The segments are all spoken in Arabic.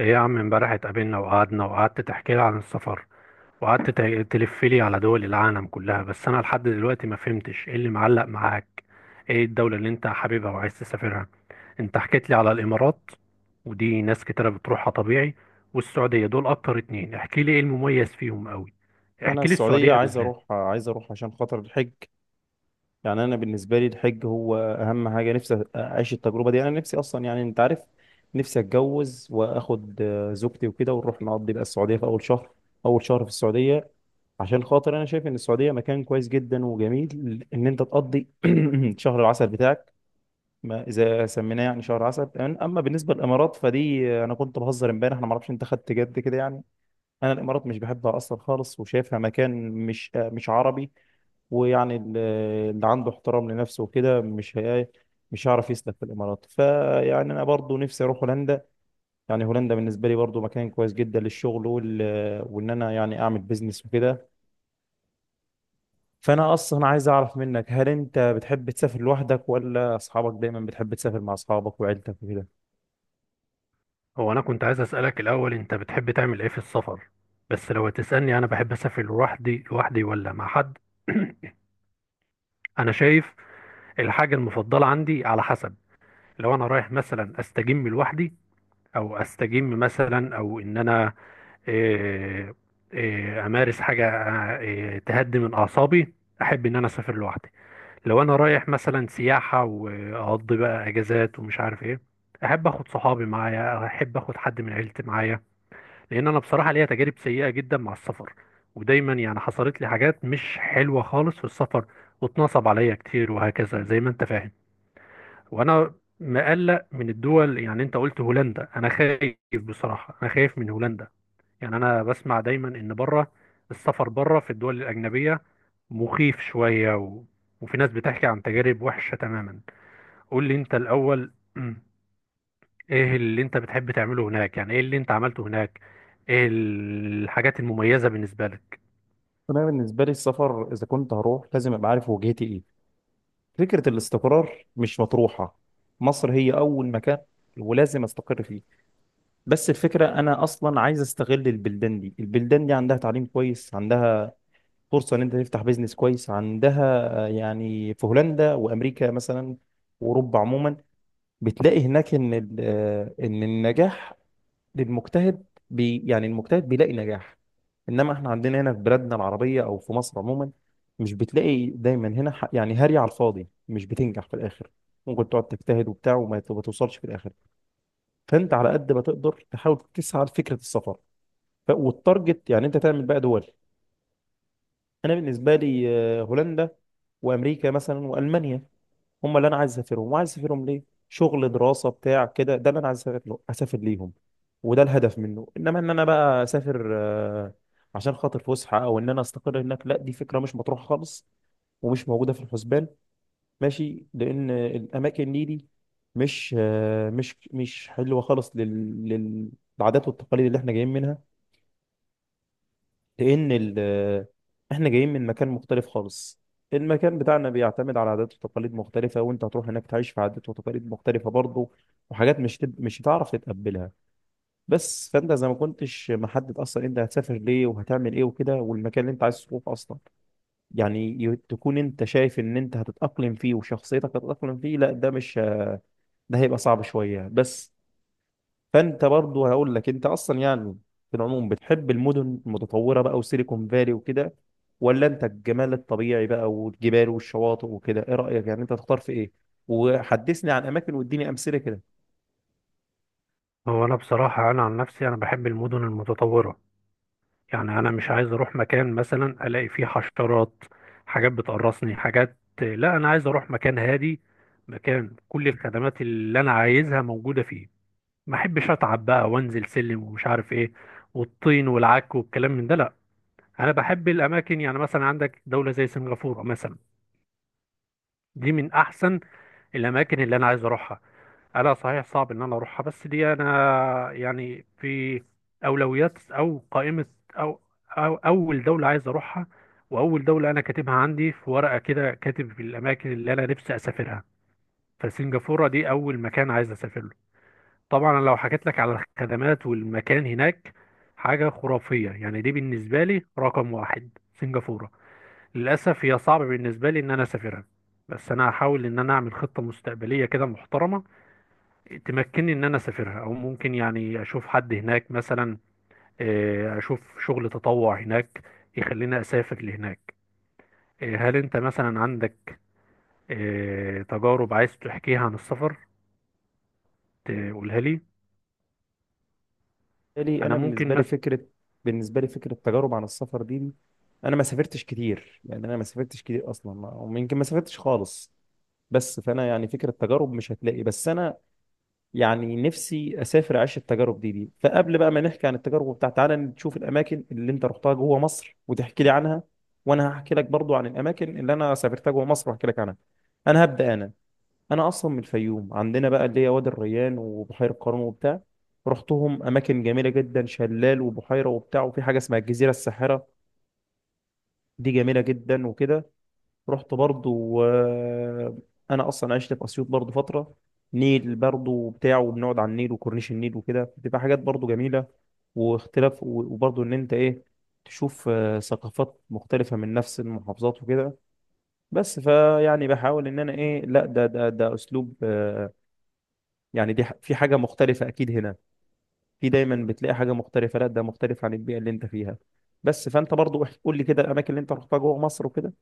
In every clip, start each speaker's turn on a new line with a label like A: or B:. A: ايه يا عم امبارح اتقابلنا وقعدنا وقعدت تحكي لي عن السفر، وقعدت تلف لي على دول العالم كلها، بس انا لحد دلوقتي ما فهمتش ايه اللي معلق معاك. ايه الدولة اللي انت حاببها وعايز تسافرها؟ انت حكيت لي على الامارات، ودي ناس كتيرة بتروحها طبيعي، والسعودية. دول اكتر اتنين، احكي لي ايه المميز فيهم قوي.
B: انا
A: احكي لي
B: السعوديه
A: السعودية
B: عايز
A: بالذات.
B: اروح عايز اروح عشان خاطر الحج. يعني انا بالنسبه لي الحج هو اهم حاجه، نفسي اعيش التجربه دي. انا نفسي اصلا، يعني انت عارف، نفسي اتجوز واخد زوجتي وكده ونروح نقضي بقى السعوديه في اول شهر، اول شهر في السعوديه. عشان خاطر انا شايف ان السعوديه مكان كويس جدا وجميل ان انت تقضي شهر العسل بتاعك، ما اذا سميناه يعني شهر عسل. اما بالنسبه للامارات فدي انا كنت بهزر امبارح، انا ما اعرفش انت خدت جد كده يعني. انا الامارات مش بحبها اصلا خالص، وشايفها مكان مش مش عربي. ويعني ال- اللي عنده احترام لنفسه وكده مش هيعرف يسلك في الامارات. فيعني انا برضو نفسي اروح هولندا. يعني هولندا بالنسبه لي برضو مكان كويس جدا للشغل وان انا يعني اعمل بيزنس وكده. فانا اصلا عايز اعرف منك، هل انت بتحب تسافر لوحدك، ولا اصحابك دايما، بتحب تسافر مع اصحابك وعيلتك وكده؟
A: هو انا كنت عايز اسألك الاول، انت بتحب تعمل ايه في السفر؟ بس لو هتسألني انا بحب اسافر لوحدي لوحدي ولا مع حد. انا شايف الحاجة المفضلة عندي على حسب. لو أنا رايح مثلا أستجم لوحدي، أو أستجم مثلا، أو إن أنا آه، أمارس حاجة تهدي من أعصابي، أحب إن أنا أسافر لوحدي. لو أنا رايح مثلا سياحة وأقضي بقى أجازات ومش عارف إيه، أحب أخد صحابي معايا، أحب أخد حد من عيلتي معايا. لان انا بصراحه ليا تجارب سيئه جدا مع السفر، ودايما يعني حصلت لي حاجات مش حلوه خالص في السفر، واتنصب عليا كتير وهكذا زي ما انت فاهم. وانا مقلق من الدول. يعني انت قلت هولندا، انا خايف، بصراحه انا خايف من هولندا. يعني انا بسمع دايما ان بره، السفر بره في الدول الاجنبيه، مخيف شويه وفي ناس بتحكي عن تجارب وحشه تماما. قول لي انت الاول، ايه اللي انت بتحب تعمله هناك، يعني ايه اللي انت عملته هناك؟ ايه الحاجات المميزة بالنسبة لك؟
B: انا بالنسبه لي السفر، اذا كنت هروح لازم ابقى عارف وجهتي ايه. فكرة الاستقرار مش مطروحة، مصر هي أول مكان ولازم استقر فيه. بس الفكرة أنا أصلا عايز أستغل البلدان دي، البلدان دي عندها تعليم كويس، عندها فرصة إن أنت تفتح بيزنس كويس، عندها يعني في هولندا وأمريكا مثلا وأوروبا عموما، بتلاقي هناك إن إن النجاح للمجتهد، بي يعني المجتهد بيلاقي نجاح. انما احنا عندنا هنا في بلادنا العربيه او في مصر عموما، مش بتلاقي دايما هنا يعني هاري على الفاضي، مش بتنجح في الاخر. ممكن تقعد تجتهد وبتاع وما ت- ما توصلش في الاخر. فانت على قد ما تقدر تحاول تسعى لفكره السفر، والتارجت يعني انت تعمل بقى دول. انا بالنسبه لي هولندا وامريكا مثلا والمانيا، هم اللي انا عايز اسافرهم. وعايز اسافرهم ليه؟ شغل، دراسه، بتاع كده، ده اللي انا عايز اسافر له، اسافر ليهم. وده الهدف منه. انما ان انا بقى اسافر عشان خاطر فسحه، او ان انا استقر هناك، لا دي فكره مش مطروحه خالص ومش موجوده في الحسبان. ماشي، لان الاماكن دي مش مش مش حلوه خالص للعادات والتقاليد اللي احنا جايين منها. لان ال- احنا جايين من مكان مختلف خالص. المكان بتاعنا بيعتمد على عادات وتقاليد مختلفة، وانت هتروح هناك تعيش في عادات وتقاليد مختلفة برضه، وحاجات مش هتعرف تتقبلها بس. فانت زي ما كنتش محدد اصلا انت هتسافر ليه وهتعمل ايه وكده، والمكان اللي انت عايز تروح اصلا يعني تكون انت شايف ان انت هتتأقلم فيه وشخصيتك هتتأقلم فيه، لا ده مش، ده هيبقى صعب شوية بس. فانت برضو هقول لك، انت اصلا يعني في العموم بتحب المدن المتطوره بقى وسيليكون فالي وكده، ولا انت الجمال الطبيعي بقى والجبال والشواطئ وكده؟ ايه رايك يعني، انت تختار في ايه؟ وحدثني عن اماكن واديني امثله كده.
A: هو انا بصراحة انا عن نفسي انا بحب المدن المتطورة. يعني انا مش عايز اروح مكان مثلا الاقي فيه حشرات، حاجات بتقرصني حاجات، لا انا عايز اروح مكان هادي، مكان كل الخدمات اللي انا عايزها موجودة فيه. ما احبش اتعب بقى وانزل سلم ومش عارف ايه، والطين والعك والكلام من ده، لا. انا بحب الاماكن، يعني مثلا عندك دولة زي سنغافورة مثلا، دي من احسن الاماكن اللي انا عايز اروحها. انا صحيح صعب ان انا اروحها، بس دي انا يعني في اولويات او قائمة او, أو اول دولة عايز اروحها. واول دولة انا كاتبها عندي في ورقة كده، كاتب في الاماكن اللي انا نفسي اسافرها فسنغافورة دي اول مكان عايز اسافر له. طبعا أنا لو حكيت لك على الخدمات والمكان هناك، حاجة خرافية. يعني دي بالنسبة لي رقم واحد سنغافورة. للأسف هي صعب بالنسبة لي إن أنا أسافرها، بس أنا هحاول إن أنا أعمل خطة مستقبلية كده محترمة تمكنني إن أنا أسافرها، أو ممكن يعني أشوف حد هناك مثلا، أشوف شغل تطوع هناك يخليني أسافر لهناك. هل أنت مثلا عندك تجارب عايز تحكيها عن السفر تقولها لي؟
B: بالي
A: أنا
B: انا بالنسبه
A: ممكن
B: لي فكره بالنسبه لي فكره تجارب عن السفر دي، انا ما سافرتش كتير. يعني انا ما سافرتش كتير اصلا، ويمكن ما سافرتش خالص. بس فانا يعني فكره تجارب مش هتلاقي، بس انا يعني نفسي اسافر اعيش التجارب دي. فقبل بقى ما نحكي عن التجارب بتاعت، تعالى نشوف الاماكن اللي انت رحتها جوه مصر وتحكي لي عنها، وانا هحكي لك برضو عن الاماكن اللي انا سافرتها جوه مصر واحكي لك عنها. انا هبدا انا، انا اصلا من الفيوم، عندنا بقى اللي هي وادي الريان وبحيره قارون وبتاع. رحتهم، اماكن جميله جدا، شلال وبحيره وبتاع، وفي حاجه اسمها الجزيره الساحره، دي جميله جدا وكده. رحت برضو انا اصلا عشت في اسيوط برضو فتره، نيل برضو بتاعه، وبنقعد على النيل وكورنيش النيل وكده، بتبقى حاجات برضو جميله واختلاف وبرضو ان انت ايه، تشوف ثقافات مختلفه من نفس المحافظات وكده. بس فيعني بحاول ان انا ايه، لا ده اسلوب يعني دي في حاجه مختلفه اكيد هنا، في دايما بتلاقي حاجه مختلفه، لا ده مختلف عن البيئه اللي انت فيها بس. فانت برضو قول لي كده الاماكن اللي انت رحتها جوه مصر وكده.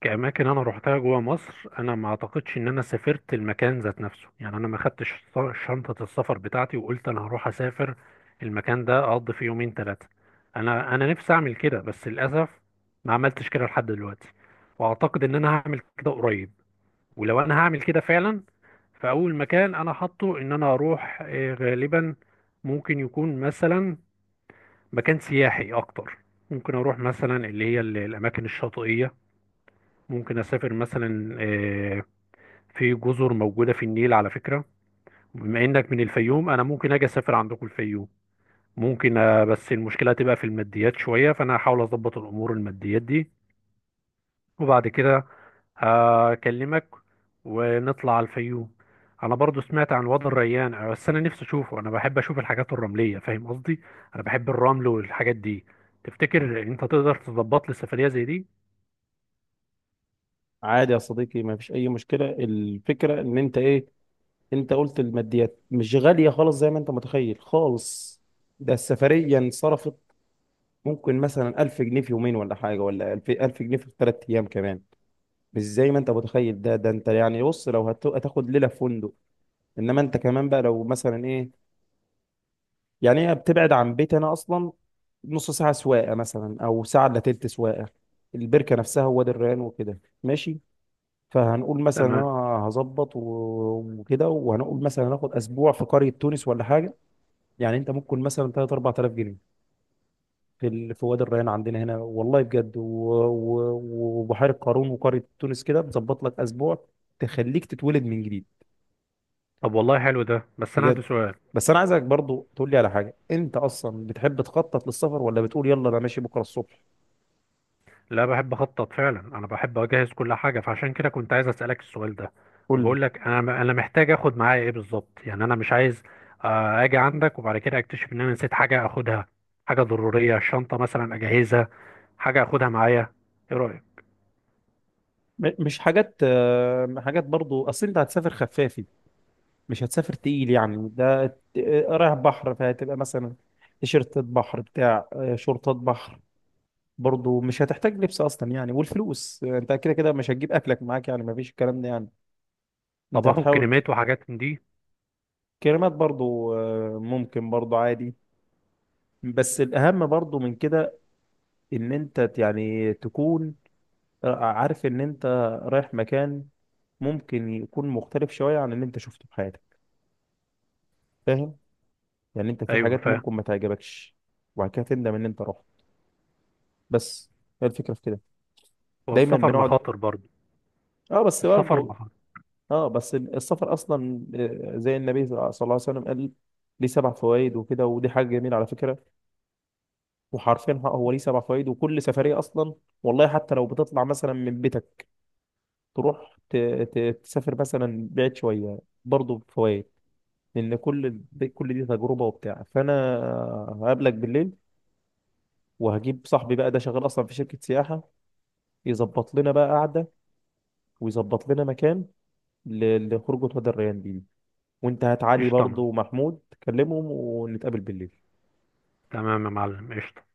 A: كأماكن أنا روحتها جوا مصر، أنا ما أعتقدش إن أنا سافرت المكان ذات نفسه. يعني أنا ما خدتش شنطة السفر بتاعتي وقلت أنا هروح أسافر المكان ده أقضي فيه يومين ثلاثة. أنا نفسي أعمل كده، بس للأسف ما عملتش كده لحد دلوقتي، وأعتقد إن أنا هعمل كده قريب. ولو أنا هعمل كده فعلا، فأول مكان أنا حاطه إن أنا أروح غالبا ممكن يكون مثلا مكان سياحي أكتر. ممكن أروح مثلا اللي هي الأماكن الشاطئية، ممكن اسافر مثلا، في جزر موجودة في النيل على فكرة. بما انك من الفيوم انا ممكن اجي اسافر عندكم الفيوم، ممكن. بس المشكلة هتبقى في الماديات شوية، فانا هحاول اظبط الامور الماديات دي، وبعد كده هكلمك ونطلع على الفيوم. انا برضو سمعت عن وادي الريان، بس انا نفسي اشوفه، انا بحب اشوف الحاجات الرملية، فاهم قصدي؟ انا بحب الرمل والحاجات دي. تفتكر انت تقدر تظبط لي سفرية زي دي؟
B: عادي يا صديقي، ما فيش اي مشكله. الفكره ان انت ايه، انت قلت الماديات مش غاليه خالص زي ما انت متخيل خالص. ده السفريه انصرفت ممكن مثلا 1000 جنيه في يومين ولا حاجه، ولا 1000 جنيه في ثلاث ايام كمان. مش زي ما انت متخيل، ده ده انت يعني بص، لو هتاخد ليله في فندق. انما انت كمان بقى لو مثلا ايه، يعني هي بتبعد عن بيت انا اصلا نص ساعه سواقه مثلا، او ساعه الا تلت سواقه، البركه نفسها وادي الريان وكده. ماشي، فهنقول مثلا انا
A: تمام.
B: هظبط وكده، وهنقول مثلا هناخد اسبوع في قريه تونس ولا حاجه. يعني انت ممكن مثلا 3 4000 جنيه في وادي الريان عندنا هنا، والله بجد، وبحيره قارون وقريه تونس كده، بتظبط لك اسبوع تخليك تتولد من جديد.
A: طب والله حلو ده، بس انا عندي
B: بجد.
A: سؤال.
B: بس انا عايزك برضو تقول لي على حاجه، انت اصلا بتحب تخطط للسفر، ولا بتقول يلا انا ماشي بكره الصبح؟
A: لا بحب اخطط فعلا، انا بحب اجهز كل حاجه، فعشان كده كنت عايز اسالك السؤال ده.
B: قول لي.
A: بقول لك انا محتاج اخد معايا ايه بالظبط؟ يعني انا مش عايز اجي عندك وبعد كده اكتشف ان انا نسيت حاجه اخدها، حاجه ضروريه. شنطه مثلا اجهزها، حاجه اخدها معايا، ايه رايك؟
B: مش حاجات حاجات برضو، اصل انت هتسافر خفافي، مش هتسافر تقيل. يعني رايح بحر، فهتبقى مثلا تيشيرتات بحر بتاع شورتات بحر. برضو مش هتحتاج لبس اصلا يعني. والفلوس انت كده كده مش هتجيب اكلك معاك، يعني مفيش الكلام ده يعني. انت
A: طب اخد
B: هتحاول
A: كريمات وحاجات من دي؟
B: كلمات برضو ممكن برضو عادي. بس الاهم برضو من كده، ان انت يعني تكون عارف ان انت رايح مكان ممكن يكون مختلف شوية عن اللي انت شفته في حياتك. فاهم؟ يعني انت في
A: ايوه
B: حاجات
A: فاهم.
B: ممكن ما تعجبكش، وبعد كده تندم ان انت رحت بس. هي الفكرة في كده. دايما
A: والسفر
B: بنقعد.
A: مخاطر برضه،
B: اه بس
A: السفر
B: برضه.
A: مخاطر.
B: اه بس السفر اصلا زي النبي صلى الله عليه وسلم قال، ليه 7 فوائد وكده، ودي حاجة جميلة على فكرة. وحرفيا هو ليه سبع فوائد. وكل سفرية اصلا والله، حتى لو بتطلع مثلا من بيتك تروح تسافر مثلا بعيد شوية، برضه بفوائد. لان كل، كل دي تجربة وبتاع. فانا هقابلك بالليل وهجيب صاحبي بقى، ده شغال اصلا في شركة سياحة، يظبط لنا بقى قعدة، ويظبط لنا مكان لخروجة هدى الريان دي. وانت هات علي
A: قشطه يا
B: برضه
A: معلم.
B: ومحمود، كلمهم ونتقابل بالليل.
A: تمام يا معلم، قشطه.